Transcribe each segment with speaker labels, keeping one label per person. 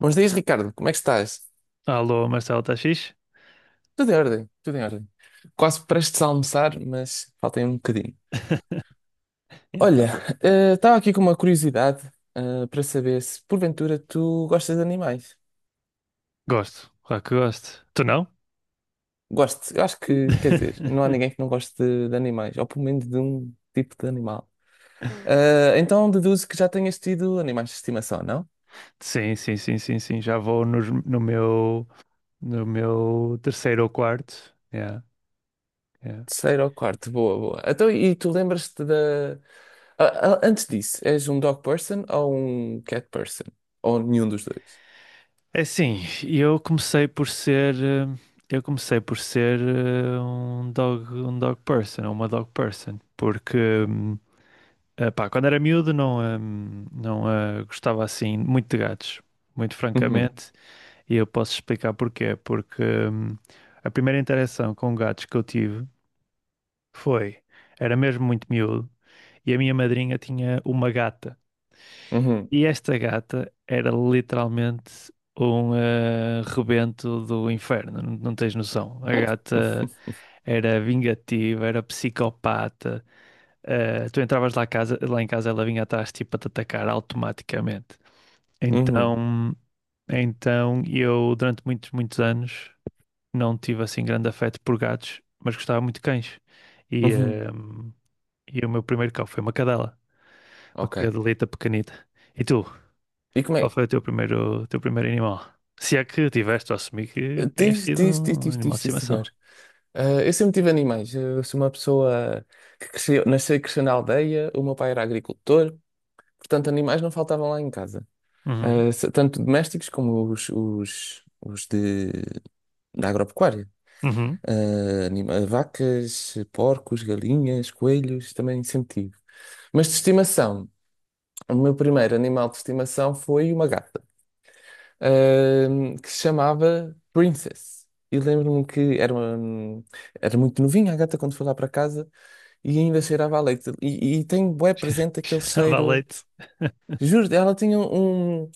Speaker 1: Bons dias, Ricardo. Como é que estás?
Speaker 2: Alô, Marcelo, tá fixe?
Speaker 1: Tudo em ordem, tudo em ordem. Quase prestes a almoçar, mas faltem um bocadinho. Olha,
Speaker 2: Então.
Speaker 1: estava aqui com uma curiosidade, para saber se porventura tu gostas de animais.
Speaker 2: Gosto, claro que gosto. Tu não?
Speaker 1: Gosto, eu acho que, quer dizer, não há ninguém que não goste de animais, ou pelo menos de um tipo de animal. Então deduzo que já tenhas tido animais de estimação, não?
Speaker 2: Sim, sim, sim, sim, sim. Já vou nos- no, meu, No meu terceiro ou quarto. Yeah, yeah.
Speaker 1: Terceiro ou quarto, boa, boa. Então, e tu lembras-te da. Ah, ah, antes disso, és um dog person ou um cat person? Ou nenhum dos dois?
Speaker 2: É assim, eu comecei por ser, eh, eu comecei por ser um dog person, ou uma dog person, porque hum, pá, quando era miúdo não, não eh, gostava assim muito de gatos, muito
Speaker 1: Uhum.
Speaker 2: francamente. E eu posso explicar porquê. Porque a primeira interação com gatos que eu tive foi, era mesmo muito miúdo, e a minha madrinha tinha uma gata.
Speaker 1: Uhum,
Speaker 2: E esta gata era literalmente um rebento do inferno, não tens noção. A gata era vingativa, era psicopata. Eh, tu entravas lá em casa, ela vinha atrás tipo a te atacar automaticamente.
Speaker 1: uhum,
Speaker 2: Então, então eu durante muitos, muitos anos não tive assim grande afeto por gatos, mas gostava muito de cães. E,
Speaker 1: uhum.
Speaker 2: ehm, e o meu primeiro cão foi uma cadela, uma
Speaker 1: Ok.
Speaker 2: cadelita pequenita. E tu,
Speaker 1: E como
Speaker 2: Qual
Speaker 1: é?
Speaker 2: foi o teu primeiro animal? Se é que tiveste, eu assumi que tenhas
Speaker 1: Tive,
Speaker 2: tido
Speaker 1: tive, tive,
Speaker 2: um
Speaker 1: tive,
Speaker 2: animal
Speaker 1: tive,
Speaker 2: de
Speaker 1: sim, senhor.
Speaker 2: estimação.
Speaker 1: Ah, eu sempre tive animais. Eu sou uma pessoa que cresceu, nasceu e cresceu na aldeia. O meu pai era agricultor, portanto, animais não faltavam lá em casa.
Speaker 2: Uhum.
Speaker 1: Ah, se- tanto domésticos como os de, da agropecuária.
Speaker 2: Uhum.
Speaker 1: Ah, anima- vacas, porcos, galinhas, coelhos, também sempre tive. Mas de estimação, o meu primeiro animal de estimação foi uma gata. Que se chamava Princess. E lembro-me que era, uma, era muito novinha a gata quando foi lá para casa e ainda cheirava a leite. E tem bué presente aquele
Speaker 2: Dava
Speaker 1: cheiro.
Speaker 2: leite.
Speaker 1: Juro, ela tinha um,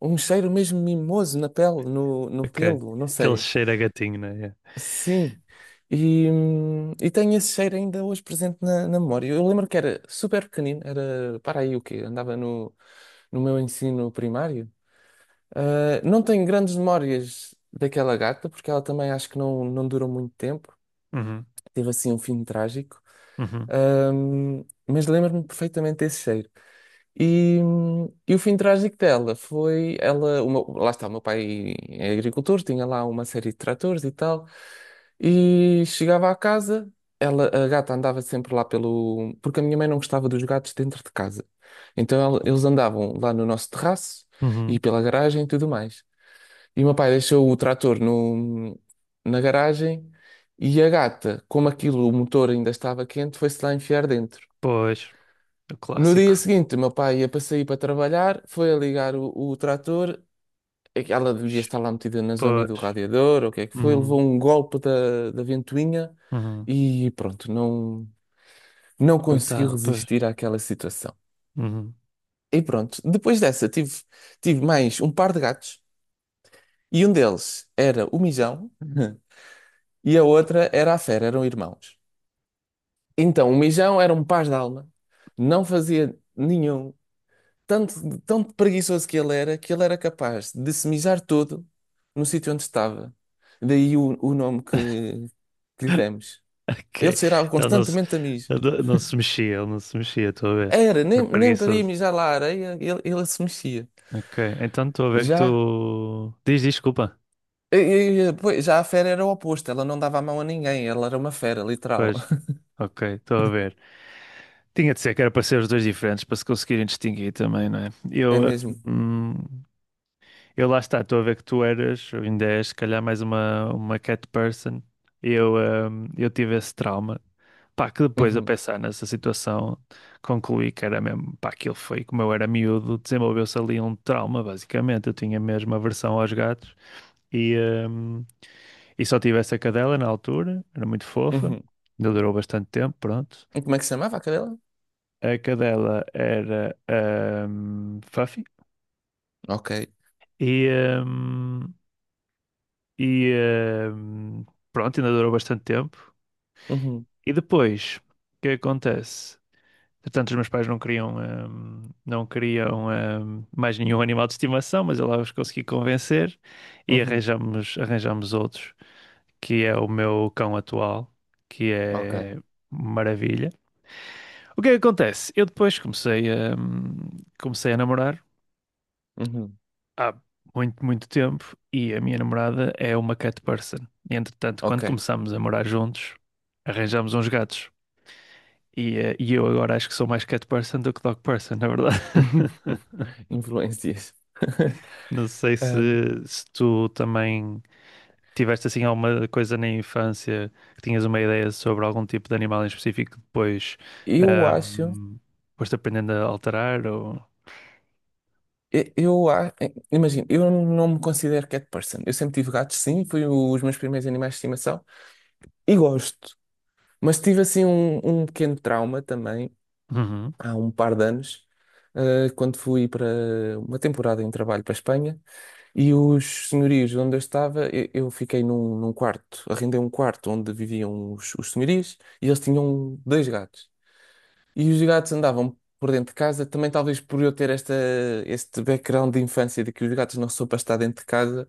Speaker 1: um cheiro mesmo mimoso na pele, no
Speaker 2: Ok.
Speaker 1: pelo, não
Speaker 2: Aquele
Speaker 1: sei.
Speaker 2: cheiro a gatinho, né? Yeah.
Speaker 1: Sim. E tenho esse cheiro ainda hoje presente na memória. Eu lembro que era super pequenino, era, para aí o quê? Andava no, no meu ensino primário. Ah, não tenho grandes memórias daquela gata, porque ela também acho que não, não durou muito tempo.
Speaker 2: Uhum.
Speaker 1: Teve assim um fim trágico.
Speaker 2: Uhum.
Speaker 1: Mas lembro-me perfeitamente desse cheiro. E o fim trágico dela foi ela, o meu- lá está, o meu pai é agricultor, tinha lá uma série de tratores e tal, e chegava à casa, ela, a gata andava sempre lá pelo, porque a minha mãe não gostava dos gatos dentro de casa. Então ela- eles andavam lá no nosso terraço e
Speaker 2: Uhum.
Speaker 1: pela garagem e tudo mais. E o meu pai deixou o trator no, na garagem e a gata, como aquilo, o motor ainda estava quente, foi-se lá enfiar dentro.
Speaker 2: Pois, o
Speaker 1: No dia
Speaker 2: clássico.
Speaker 1: seguinte, o meu pai ia para sair para trabalhar, foi a ligar o trator, é que ela devia estar lá metida na zona do
Speaker 2: Pois.
Speaker 1: radiador, ou o que é que foi, levou
Speaker 2: Uhum.
Speaker 1: um golpe da ventoinha
Speaker 2: Uhum.
Speaker 1: e pronto, não, não conseguiu
Speaker 2: Coitado, pois.
Speaker 1: resistir àquela situação.
Speaker 2: Uhum.
Speaker 1: E pronto, depois dessa tive, tive mais um par de gatos e um deles era o Mijão. E a outra era a Fera, eram irmãos. Então, o Mijão era um paz de alma, não fazia nenhum, tanto, tão preguiçoso que ele era capaz de se mijar todo no sítio onde estava. Daí o nome que lhe demos. Ele
Speaker 2: Ok.
Speaker 1: cheirava
Speaker 2: Ele não se,
Speaker 1: constantemente a mijo.
Speaker 2: ele não se mexia, estou a ver.
Speaker 1: Era,
Speaker 2: É
Speaker 1: nem, nem para ir
Speaker 2: preguiçoso.
Speaker 1: mijar lá à areia, ele se mexia.
Speaker 2: Ok, então estou a ver que
Speaker 1: Já,
Speaker 2: tu. Diz, diz, desculpa.
Speaker 1: pois, já a fera era o oposto, ela não dava a mão a ninguém, ela era uma fera, literal.
Speaker 2: Pois. Ok, estou a ver. Tinha de ser que era para ser os dois diferentes, para se conseguirem distinguir também, não é?
Speaker 1: É mesmo.
Speaker 2: Hum, eu lá está, estou a ver que tu eras, ou ainda és, se calhar mais uma cat person. Eu, eh, eu tive esse trauma. Pá, que depois a
Speaker 1: Uhum,
Speaker 2: pensar nessa situação, concluí que era mesmo, pá, aquilo foi, como eu era miúdo, desenvolveu-se ali um trauma, basicamente. Eu tinha mesmo aversão aos gatos e, hum, e só tive essa cadela na altura, era muito fofa,
Speaker 1: uhum.
Speaker 2: ainda durou bastante tempo, pronto.
Speaker 1: E como é que se chamava a cadela?
Speaker 2: A cadela era Fluffy
Speaker 1: Ok.
Speaker 2: e, hum, e hum, pronto, ainda durou bastante tempo.
Speaker 1: Uhum,
Speaker 2: E depois, o que acontece? Portanto, os meus pais não queriam, mais nenhum animal de estimação, mas eu lá os consegui convencer e
Speaker 1: uhum,
Speaker 2: arranjamos outros, que é o meu cão atual, que
Speaker 1: ok,
Speaker 2: é maravilha. O que é que acontece? Eu depois comecei a, comecei a namorar
Speaker 1: uhum,
Speaker 2: há muito, muito tempo e a minha namorada é uma cat person. E, entretanto, quando
Speaker 1: ok.
Speaker 2: começámos a morar juntos, arranjámos uns gatos. E eu agora acho que sou mais cat person do que dog person, na verdade.
Speaker 1: Influências.
Speaker 2: Não sei se,
Speaker 1: Um,
Speaker 2: se tu também tiveste assim alguma coisa na infância que tinhas uma ideia sobre algum tipo de animal em específico que depois
Speaker 1: eu acho,
Speaker 2: ahm, foste aprendendo a alterar ou...
Speaker 1: eu, eu a- imagino, eu não me considero cat person. Eu sempre tive gatos, sim, foi os meus primeiros animais de estimação e gosto. Mas tive assim um, um pequeno trauma também
Speaker 2: Uhum.
Speaker 1: há um par de anos, quando fui para uma temporada em trabalho para a Espanha. E os senhorios onde eu estava, eu fiquei num, num quarto, arrendei um quarto onde viviam os senhorios e eles tinham dois gatos. E os gatos andavam por dentro de casa, também talvez por eu ter esta, este background de infância de que os gatos não são para estar dentro de casa,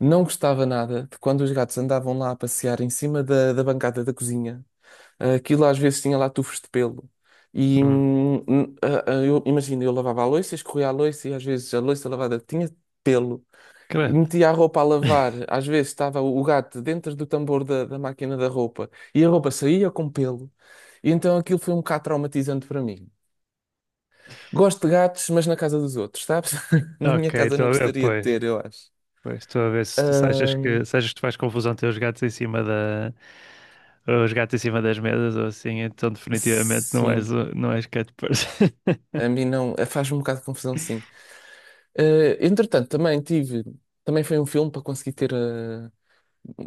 Speaker 1: não gostava nada de quando os gatos andavam lá a passear em cima da bancada da cozinha. Aquilo às vezes tinha lá tufos de pelo. E
Speaker 2: Hum.
Speaker 1: eu imagino, eu lavava a louça, escorria a louça e às vezes a louça lavada tinha pelo e
Speaker 2: Credo.
Speaker 1: metia a roupa a lavar. Às vezes estava o gato dentro do tambor da máquina da roupa e a roupa saía com pelo. E então aquilo foi um bocado traumatizante para mim. Gosto de gatos, mas na casa dos outros, sabes? Na minha
Speaker 2: Ok,
Speaker 1: casa
Speaker 2: estou
Speaker 1: não
Speaker 2: a ver,
Speaker 1: gostaria de
Speaker 2: pois.
Speaker 1: ter, eu acho.
Speaker 2: Pois, estou a ver se, se achas que,
Speaker 1: Ahm,
Speaker 2: se achas que tu faz confusão ter os gatos em cima das mesas ou assim, então definitivamente
Speaker 1: sim,
Speaker 2: não és cat person.
Speaker 1: a mim não. Faz-me um bocado de confusão, sim. Ah, entretanto, também tive. Também foi um filme para conseguir ter.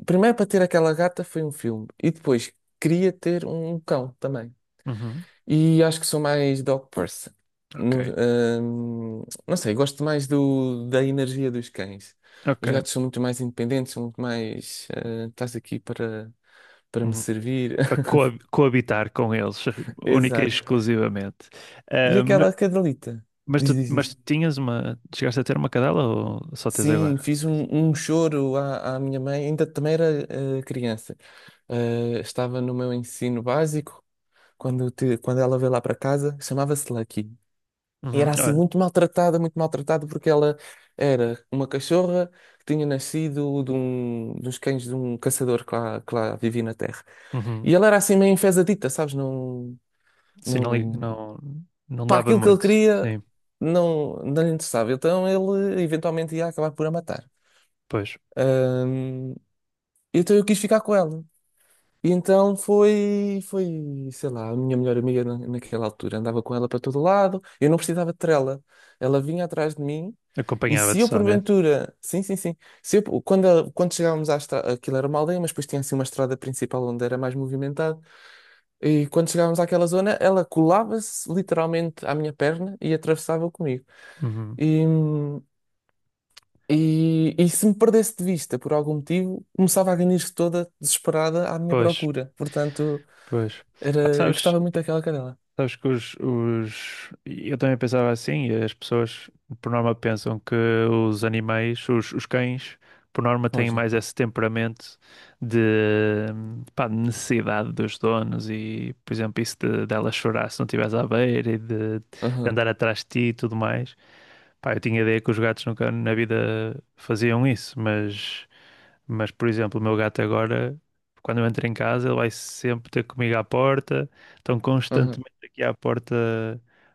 Speaker 1: Primeiro, para ter aquela gata, foi um filme. E depois, queria ter um cão também.
Speaker 2: Uhum.
Speaker 1: E acho que sou mais dog person. No-
Speaker 2: Ok,
Speaker 1: não sei, gosto mais do, da energia dos cães.
Speaker 2: ok.
Speaker 1: Os gatos são muito mais independentes, são muito mais. Estás aqui para, para me
Speaker 2: Uhum.
Speaker 1: servir.
Speaker 2: Para coabitar com eles, única e
Speaker 1: Exato.
Speaker 2: exclusivamente.
Speaker 1: E
Speaker 2: Ah, ma-
Speaker 1: aquela cadelita? Diz, diz,
Speaker 2: mas tu
Speaker 1: diz.
Speaker 2: tinhas uma. Chegaste a ter uma cadela ou só tens
Speaker 1: Sim,
Speaker 2: agora?
Speaker 1: fiz um, um choro à, à minha mãe, ainda também era criança. Eh, estava no meu ensino básico, quando, te- quando ela veio lá para casa, chamava-se Lucky.
Speaker 2: Uhum.
Speaker 1: Era assim
Speaker 2: Olha,
Speaker 1: muito maltratada, porque ela era uma cachorra que tinha nascido de um, dos cães de um caçador que lá vivia na terra.
Speaker 2: uhum.
Speaker 1: E ela era assim meio enfesadita, sabes? Não,
Speaker 2: Sim,
Speaker 1: não,
Speaker 2: não, não
Speaker 1: para
Speaker 2: dava
Speaker 1: aquilo que ele
Speaker 2: muito.
Speaker 1: queria,
Speaker 2: Sim,
Speaker 1: não, não lhe interessava. Então ele eventualmente ia acabar por a matar.
Speaker 2: pois.
Speaker 1: Ahm, então eu quis ficar com ela. E então foi, foi, sei lá, a minha melhor amiga na- naquela altura. Andava com ela para todo lado, eu não precisava de trela. Ela vinha atrás de mim e se
Speaker 2: Acompanhava-te
Speaker 1: eu
Speaker 2: só, né?
Speaker 1: porventura, sim, sim, sim, se eu, quando, ela- quando chegávamos à estrada, aquilo era uma aldeia, mas depois tinha assim uma estrada principal onde era mais movimentado. E quando chegávamos àquela zona, ela colava-se literalmente à minha perna e atravessava comigo.
Speaker 2: Uhum.
Speaker 1: E, e se me perdesse de vista por algum motivo, começava a ganir-se toda desesperada à minha
Speaker 2: Pois,
Speaker 1: procura. Portanto.
Speaker 2: pois.
Speaker 1: Era,
Speaker 2: Pá,
Speaker 1: eu
Speaker 2: sabes,
Speaker 1: gostava muito daquela cadela.
Speaker 2: sabes que os... Eu também pensava assim, e as pessoas por norma pensam que os animais, os cães, por norma têm
Speaker 1: Fogem.
Speaker 2: mais esse temperamento de, pá, de necessidade dos donos e, por exemplo, isso de, dela chorar se não estivesse à beira e de
Speaker 1: Aham,
Speaker 2: andar atrás de ti e tudo mais. Pá, eu tinha ideia que os gatos nunca na vida faziam isso, mas... Mas, por exemplo, o meu gato agora, quando eu entro em casa, ele vai sempre ter comigo à porta, estão
Speaker 1: aham,
Speaker 2: constantemente aqui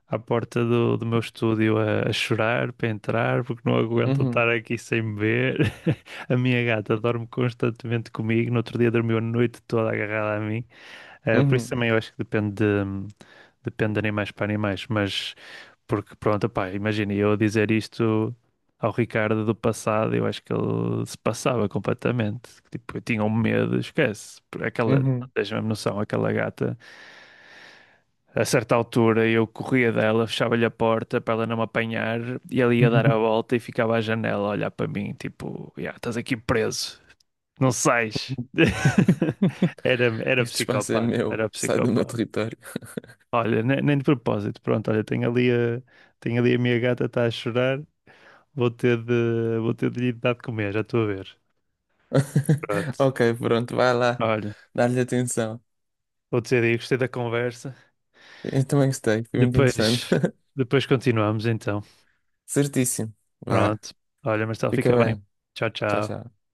Speaker 2: à porta do meu estúdio a chorar para entrar, porque não aguentam estar
Speaker 1: uhum,
Speaker 2: aqui sem me ver. A minha gata dorme constantemente comigo, no outro dia dormiu a noite toda agarrada a mim. Eh, por isso
Speaker 1: uhum,
Speaker 2: também eu acho que depende de animais para animais, mas porque pronto, pá, imagina eu dizer isto ao Ricardo do passado, eu acho que ele se passava completamente. Tipo, eu tinha um medo, esquece. Por aquela, não
Speaker 1: uhum.
Speaker 2: tens a mesma noção, aquela gata. A certa altura eu corria dela, fechava-lhe a porta para ela não me apanhar e ela ia dar a volta e ficava à janela a olhar para mim, tipo, "Ya, estás aqui preso, não sais. Era, era
Speaker 1: Este espaço é
Speaker 2: psicopata,
Speaker 1: meu,
Speaker 2: era
Speaker 1: sai do meu
Speaker 2: psicopata.
Speaker 1: território.
Speaker 2: Olha, nem de propósito. Pronto, olha, tenho ali a minha gata, está a chorar. Vou ter de lhe dar de comer, já estou a ver. Pronto.
Speaker 1: Ok, pronto, vai lá,
Speaker 2: Olha,
Speaker 1: dá-lhe atenção.
Speaker 2: vou dizer aí, gostei da conversa.
Speaker 1: Eu também gostei, foi muito
Speaker 2: Depois,
Speaker 1: interessante.
Speaker 2: depois continuamos então.
Speaker 1: Certíssimo. Vá,
Speaker 2: Pronto. Olha, Marcelo,
Speaker 1: fica
Speaker 2: fica bem.
Speaker 1: bem.
Speaker 2: Tchau,
Speaker 1: Tchau,
Speaker 2: tchau.
Speaker 1: tchau.